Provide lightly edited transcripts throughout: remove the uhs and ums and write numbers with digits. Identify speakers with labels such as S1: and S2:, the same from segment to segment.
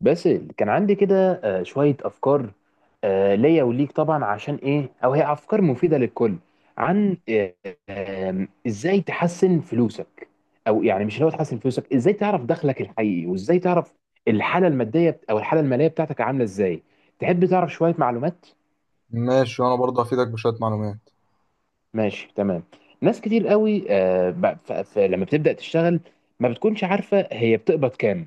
S1: بس كان عندي كده، شوية أفكار. ليا وليك طبعا، عشان إيه أو هي أفكار مفيدة للكل عن آه، آم، إزاي تحسن فلوسك. أو يعني مش لو تحسن فلوسك، إزاي تعرف دخلك الحقيقي وإزاي تعرف الحالة المادية أو الحالة المالية بتاعتك عاملة إزاي. تحب تعرف شوية معلومات.
S2: ماشي، وانا برضه هفيدك بشويه معلومات.
S1: ماشي تمام. ناس كتير قوي، لما بتبدأ تشتغل ما بتكونش عارفة هي بتقبض كام.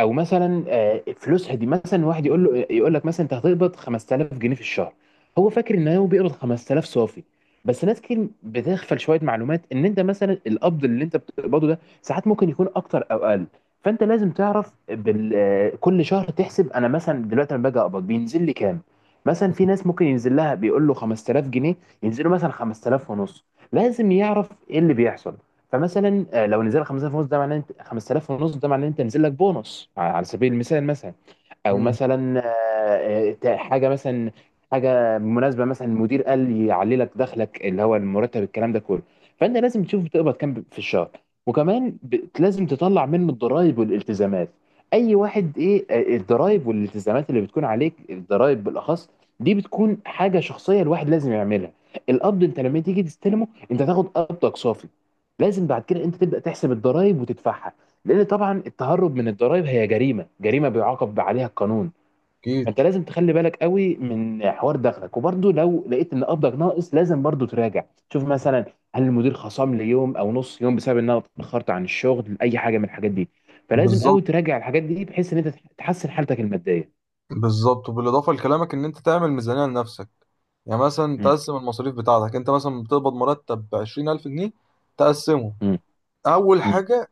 S1: او مثلا فلوسها دي، مثلا واحد يقول لك مثلا انت هتقبض 5000 جنيه في الشهر. هو فاكر ان هو بيقبض 5000 صافي. بس ناس كتير بتغفل شويه معلومات، ان انت مثلا القبض اللي انت بتقبضه ده ساعات ممكن يكون اكتر او اقل. فانت لازم تعرف بال... آه، كل شهر تحسب انا مثلا دلوقتي لما باجي اقبض بينزل لي كام. مثلا في ناس ممكن ينزل لها بيقول له 5000 جنيه، ينزلوا مثلا 5000 ونص. لازم يعرف ايه اللي بيحصل. فمثلا لو نزل 5000 ونص، ده معناه انت 5000 ونص، ده معناه انت نزل لك بونص، على سبيل المثال مثلا. او
S2: امم.
S1: مثلا حاجه مثلا، حاجه مناسبه مثلا المدير قال يعلي لك دخلك اللي هو المرتب الكلام ده كله. فانت لازم تشوف بتقبض كام في الشهر. وكمان لازم تطلع منه الضرائب والالتزامات. اي واحد ايه الضرائب والالتزامات اللي بتكون عليك، الضرائب بالاخص، دي بتكون حاجه شخصيه الواحد لازم يعملها. القبض انت لما تيجي تستلمه انت تاخد قبضك صافي. لازم بعد كده انت تبدا تحسب الضرائب وتدفعها، لان طبعا التهرب من الضرائب هي جريمه، جريمه بيعاقب عليها القانون.
S2: اكيد.
S1: فانت لازم تخلي بالك قوي من حوار دخلك. وبرده لو لقيت ان قبضك ناقص لازم برده تراجع. تشوف مثلا، هل المدير خصم لي يوم او نص يوم بسبب ان انا اتاخرت عن الشغل، اي حاجه من الحاجات دي. فلازم
S2: بالظبط.
S1: قوي تراجع الحاجات دي بحيث ان انت تحسن حالتك الماديه.
S2: بالظبط، وبالاضافه لكلامك ان انت تعمل ميزانيه لنفسك. يعني مثلا
S1: مم.
S2: تقسم المصاريف بتاعتك، انت مثلا بتقبض مرتب ب 20000 جنيه، تقسمه.
S1: مم.
S2: اول
S1: مم.
S2: حاجه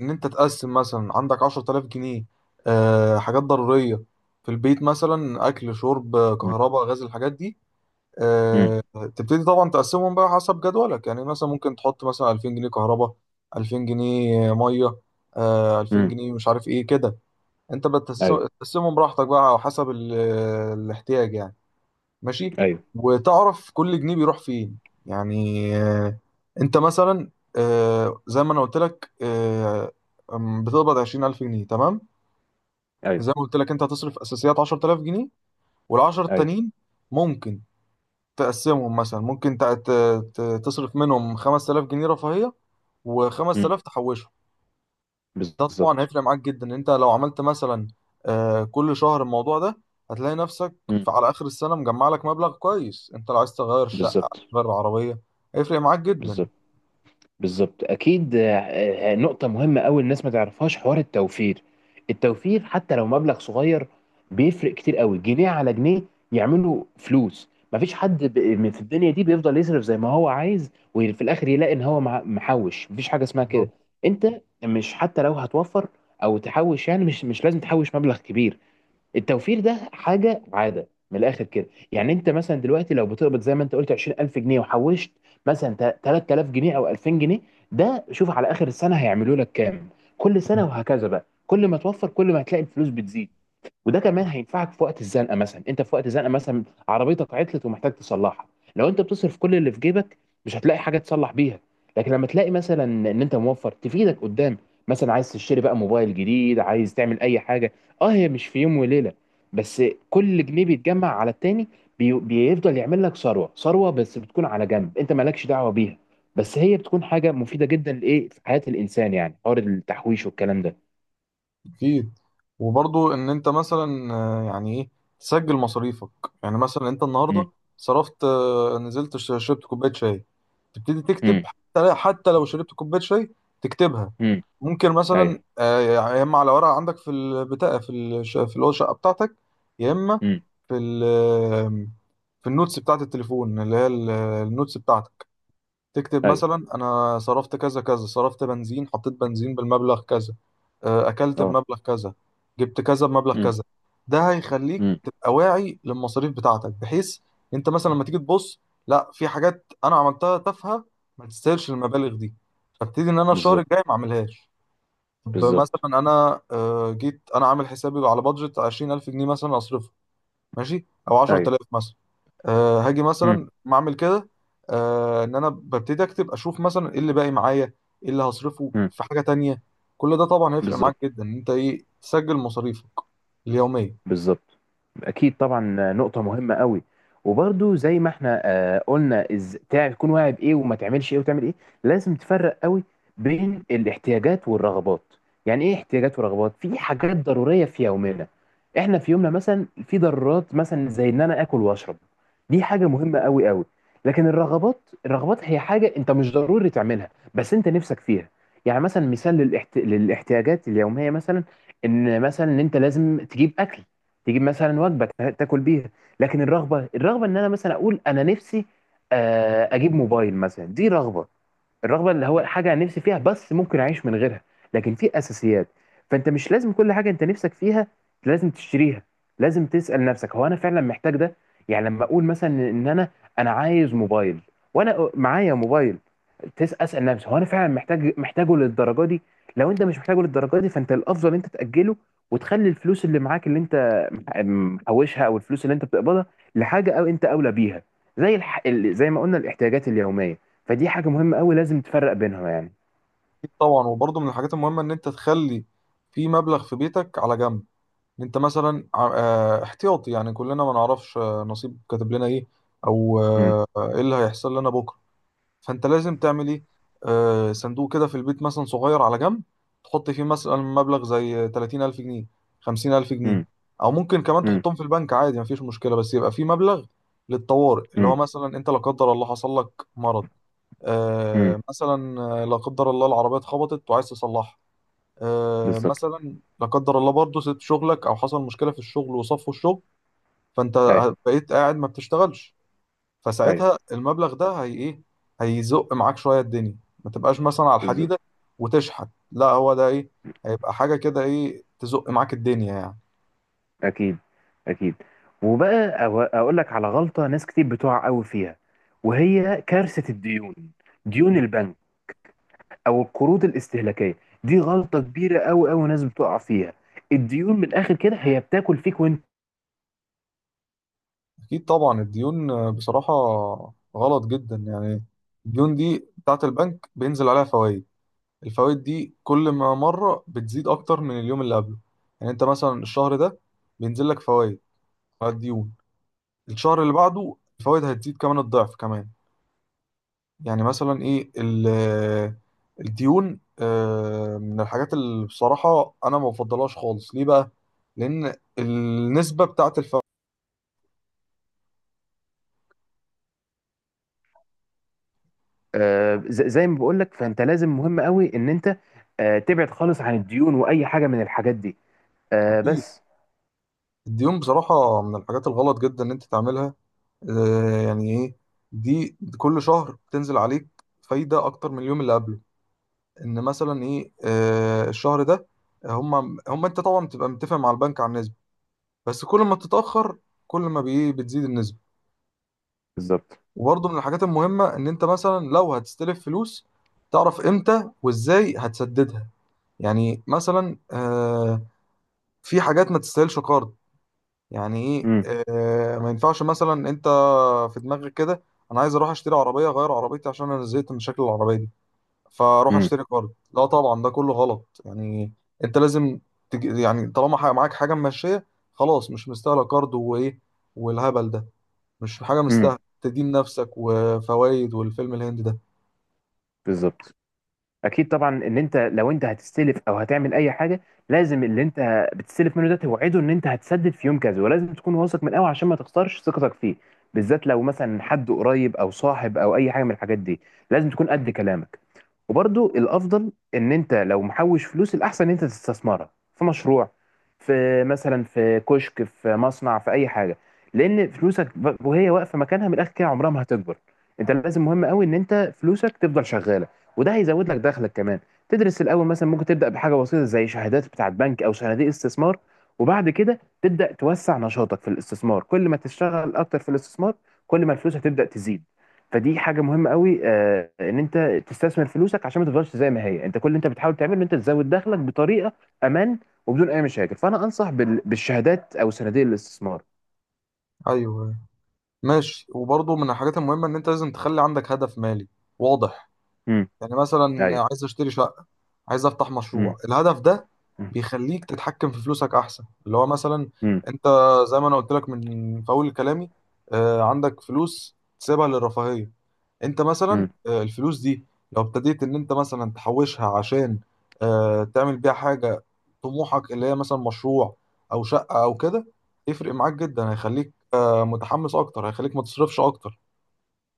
S2: ان انت تقسم مثلا عندك 10000 جنيه حاجات ضروريه في البيت، مثلا اكل شرب
S1: مم.
S2: كهرباء غاز الحاجات دي.
S1: مم.
S2: آه، تبتدي طبعا تقسمهم بقى حسب جدولك. يعني مثلا ممكن تحط مثلا 2000 جنيه كهرباء، 2000 جنيه ميه، 2000
S1: مم.
S2: جنيه مش عارف ايه كده. انت
S1: ايوه.
S2: بتقسمهم براحتك بقى على حسب الاحتياج يعني. ماشي.
S1: ايوه.
S2: وتعرف كل جنيه بيروح فين. يعني انت مثلا زي ما انا قلت لك، آه، أم، بتقبض 20000 جنيه تمام. زي
S1: ايوه.
S2: ما قلت لك انت هتصرف اساسيات 10000 جنيه، وال10
S1: ايوه.
S2: التانيين ممكن تقسمهم. مثلا ممكن تصرف منهم 5000 جنيه رفاهية،
S1: مم.
S2: و5000 تحوشهم. ده طبعا
S1: بالظبط.
S2: هيفرق معاك جدا، انت لو عملت مثلا كل شهر الموضوع ده هتلاقي نفسك
S1: مم.
S2: على اخر السنة مجمع لك مبلغ كويس. انت لو عايز تغير شقة
S1: بالظبط.
S2: تغير عربية هيفرق معاك جدا.
S1: بالظبط. بالظبط. اكيد. نقطه مهمه قوي الناس ما تعرفهاش، حوار التوفير. التوفير حتى لو مبلغ صغير بيفرق كتير قوي، جنيه على جنيه يعملوا فلوس. مفيش حد من في الدنيا دي بيفضل يصرف زي ما هو عايز وفي الاخر يلاقي ان هو محوش. مفيش حاجه اسمها كده.
S2: بالظبط.
S1: انت مش، حتى لو هتوفر او تحوش، يعني مش لازم تحوش مبلغ كبير. التوفير ده حاجه عاده من الاخر كده. يعني انت مثلا دلوقتي لو بتقبض زي ما انت قلت 20000 جنيه وحوشت مثلا 3000 جنيه او 2000 جنيه، ده شوف على اخر السنه هيعملوا لك كام. كل سنه وهكذا بقى، كل ما توفر كل ما هتلاقي الفلوس بتزيد. وده كمان هينفعك في وقت الزنقه. مثلا انت في وقت الزنقه مثلا، عربيتك عطلت ومحتاج تصلحها، لو انت بتصرف كل اللي في جيبك مش هتلاقي حاجه تصلح بيها. لكن لما تلاقي مثلا ان انت موفر، تفيدك قدام. مثلا عايز تشتري بقى موبايل جديد، عايز تعمل اي حاجه. اه هي مش في يوم وليله بس، كل جنيه بيتجمع على التاني. بيفضل يعمل لك ثروه، ثروه بس بتكون على جنب انت مالكش دعوه بيها. بس هي بتكون حاجه مفيده جدا لايه في حياه الانسان، يعني حوار التحويش والكلام ده.
S2: اكيد. وبرضو ان انت مثلا يعني ايه تسجل مصاريفك. يعني مثلا انت
S1: امم.
S2: النهارده صرفت، نزلت شربت كوبايه شاي، تبتدي تكتب.
S1: امم.
S2: حتى لو شربت كوبايه شاي تكتبها.
S1: امم.
S2: ممكن مثلا
S1: ايوه.
S2: يا اما على ورقه عندك في البتاع، في في اللي هو الشقه بتاعتك. يا اما
S1: امم.
S2: في في النوتس بتاعت التليفون اللي هي النوتس بتاعتك، تكتب
S1: ايوه.
S2: مثلا انا صرفت كذا كذا. صرفت بنزين، حطيت بنزين بالمبلغ كذا، اكلت
S1: اه.
S2: بمبلغ كذا، جبت كذا بمبلغ
S1: امم.
S2: كذا. ده هيخليك
S1: امم.
S2: تبقى واعي للمصاريف بتاعتك، بحيث انت مثلا لما تيجي تبص، لا في حاجات انا عملتها تافهه ما تستاهلش المبالغ دي، فابتدي ان انا الشهر
S1: بالظبط.
S2: الجاي ما اعملهاش. طب
S1: بالظبط.
S2: مثلا انا، جيت انا عامل حسابي على بادجت 20000 جنيه مثلا اصرفه، ماشي، او
S1: ايوه.
S2: 10000 مثلا. أه هاجي
S1: امم.
S2: مثلا ما اعمل كده. أه ان انا ببتدي اكتب اشوف مثلا ايه اللي باقي معايا، ايه اللي هصرفه
S1: امم.
S2: في حاجه تانية. كل ده طبعا هيفرق معاك
S1: بالظبط.
S2: جدا ان انت ايه تسجل مصاريفك اليوميه.
S1: بالظبط. اكيد طبعا، نقطه مهمه قوي. وبرده زي ما احنا قلنا، تكون واعي بايه وما تعملش ايه وتعمل ايه. لازم تفرق قوي بين الاحتياجات والرغبات. يعني ايه احتياجات ورغبات؟ في حاجات ضروريه في يومنا، احنا في يومنا مثلا في ضرورات مثلا زي ان انا اكل واشرب، دي حاجه مهمه قوي قوي. لكن الرغبات، الرغبات هي حاجه انت مش ضروري تعملها بس انت نفسك فيها. يعني مثلا مثال للاحتياجات اليوميه، مثلا ان مثلا ان انت لازم تجيب اكل، تجيب مثلا وجبه تاكل بيها. لكن الرغبه، الرغبه ان انا مثلا اقول انا نفسي اجيب موبايل مثلا، دي رغبه. الرغبه اللي هو حاجه أنا نفسي فيها بس ممكن اعيش من غيرها. لكن في اساسيات. فانت مش لازم كل حاجه انت نفسك فيها لازم تشتريها. لازم تسال نفسك هو انا فعلا محتاج ده؟ يعني لما اقول مثلا ان انا عايز موبايل، وانا معايا موبايل، تس اسال نفسي هو انا فعلا محتاج، محتاجه للدرجه دي؟ لو انت مش محتاجه للدرجه دي فانت الافضل انت تاجله. وتخلي الفلوس اللي معاك اللي انت محوشها او الفلوس اللي انت بتقبضها لحاجه او انت اولى بيها. زي ما قلنا الاحتياجات اليوميه. فدي حاجه مهمه قوي لازم تفرق بينها يعني.
S2: أكيد طبعا. وبرضه من الحاجات المهمه ان انت تخلي في مبلغ في بيتك على جنب، ان انت مثلا أه احتياطي. يعني كلنا ما نعرفش، نصيب كاتب لنا ايه، او
S1: امم.
S2: ايه اللي هيحصل لنا بكره. فانت لازم تعمل ايه، آه صندوق كده في البيت مثلا صغير على جنب تحط فيه مثلا مبلغ زي 30000 جنيه، 50000 جنيه.
S1: امم.
S2: او ممكن كمان
S1: امم.
S2: تحطهم في البنك عادي مفيش مشكلة، بس يبقى فيه مبلغ للطوارئ. اللي هو
S1: امم.
S2: مثلا انت لا قدر الله حصل لك مرض،
S1: امم.
S2: آه مثلا لا قدر الله العربية اتخبطت وعايز تصلحها، آه
S1: بالظبط.
S2: مثلا لا قدر الله برضه سبت شغلك او حصل مشكلة في الشغل وصفوا الشغل، فانت
S1: ايوه.
S2: بقيت قاعد ما بتشتغلش. فساعتها
S1: ايوه.
S2: المبلغ ده هي ايه، هيزق معاك شويه الدنيا. ما تبقاش مثلا على
S1: بالظبط.
S2: الحديده وتشحت، لا هو ده ايه، هيبقى حاجه كده ايه تزق معاك الدنيا يعني.
S1: اكيد. اكيد. وبقى اقول لك على غلطه ناس كتير بتقع قوي فيها، وهي كارثه الديون. ديون البنك او القروض الاستهلاكيه، دي غلطه كبيره قوي قوي ناس بتقع فيها. الديون من الاخر كده هي بتاكل فيك وانت.
S2: اكيد طبعا. الديون بصراحه غلط جدا يعني. الديون دي بتاعت البنك بينزل عليها فوائد. الفوائد دي كل ما مره بتزيد اكتر من اليوم اللي قبله. يعني انت مثلا الشهر ده بينزل لك فوائد على الديون، الشهر اللي بعده الفوائد هتزيد كمان الضعف كمان. يعني مثلا ايه الديون من الحاجات اللي بصراحة انا ما بفضلهاش خالص. ليه بقى؟ لان النسبة بتاعت الفوائد.
S1: زي ما بقول لك، فانت لازم، مهم قوي ان انت تبعد خالص عن الديون واي حاجه من الحاجات دي.
S2: اكيد.
S1: بس.
S2: الديون بصراحة من الحاجات الغلط جدا ان انت تعملها. يعني ايه، دي كل شهر بتنزل عليك فايدة اكتر من اليوم اللي قبله. ان مثلا ايه الشهر ده هم هم انت طبعا بتبقى متفق مع البنك على النسبة، بس كل ما بتتأخر كل ما بتزيد النسبة.
S1: بالظبط.
S2: وبرضه من الحاجات المهمة إن أنت مثلا لو هتستلف فلوس تعرف إمتى وإزاي هتسددها. يعني مثلا في حاجات ما تستاهلش قرض. يعني إيه؟
S1: امم.
S2: ما ينفعش مثلا أنت في دماغك كده أنا عايز أروح أشتري عربية أغير عربيتي عشان أنا زهقت من شكل العربية دي، فأروح
S1: امم.
S2: أشتري قرض. لا طبعا ده كله غلط يعني. أنت لازم يعني طالما معاك حاجة ماشية خلاص، مش مستاهلة قرض وإيه والهبل ده. مش حاجة
S1: امم.
S2: مستاهلة تدين نفسك وفوائد والفيلم الهندي ده.
S1: بالظبط. اكيد طبعا، ان انت لو انت هتستلف او هتعمل اي حاجه، لازم اللي انت بتستلف منه ده توعده ان انت هتسدد في يوم كذا، ولازم تكون واثق من قوي عشان ما تخسرش ثقتك فيه. بالذات لو مثلا حد قريب او صاحب او اي حاجه من الحاجات دي، لازم تكون قد كلامك. وبرضو الافضل ان انت لو محوش فلوس، الاحسن ان انت تستثمرها في مشروع، في مثلا في كشك، في مصنع، في اي حاجه. لان فلوسك، وهي واقفه مكانها من الاخر كده، عمرها ما هتكبر. انت لازم، مهم قوي ان انت فلوسك تفضل شغاله، وده هيزود لك دخلك كمان. تدرس الاول، مثلا ممكن تبدا بحاجه بسيطه زي شهادات بتاعه بنك او صناديق استثمار. وبعد كده تبدا توسع نشاطك في الاستثمار. كل ما تشتغل اكتر في الاستثمار، كل ما الفلوس هتبدا تزيد. فدي حاجه مهمه قوي ان انت تستثمر فلوسك عشان ما تفضلش زي ما هي. انت كل اللي انت بتحاول تعمله ان انت تزود دخلك بطريقه امان وبدون اي مشاكل. فانا انصح بالشهادات او صناديق الاستثمار.
S2: ايوه. ماشي. وبرضه من الحاجات المهمه ان انت لازم تخلي عندك هدف مالي واضح.
S1: امم.
S2: يعني مثلا
S1: ايوه.
S2: عايز اشتري شقه، عايز افتح
S1: امم.
S2: مشروع. الهدف ده بيخليك تتحكم في فلوسك احسن. اللي هو مثلا
S1: امم.
S2: انت زي ما انا قلت لك من في اول كلامي، عندك فلوس تسيبها للرفاهيه. انت مثلا
S1: امم.
S2: الفلوس دي لو ابتديت ان انت مثلا تحوشها عشان تعمل بيها حاجة طموحك، اللي هي مثلا مشروع او شقة او كده، يفرق معاك جدا. هيخليك متحمس اكتر، هيخليك ما تصرفش اكتر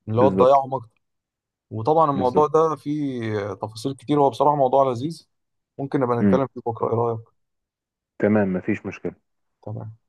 S2: اللي هو
S1: بالظبط.
S2: تضيعهم اكتر. وطبعا الموضوع
S1: بالظبط.
S2: ده فيه تفاصيل كتير، هو بصراحة موضوع لذيذ. ممكن نبقى
S1: امم.
S2: نتكلم فيه بكرة، ايه رأيك؟
S1: تمام، مفيش مشكله.
S2: تمام.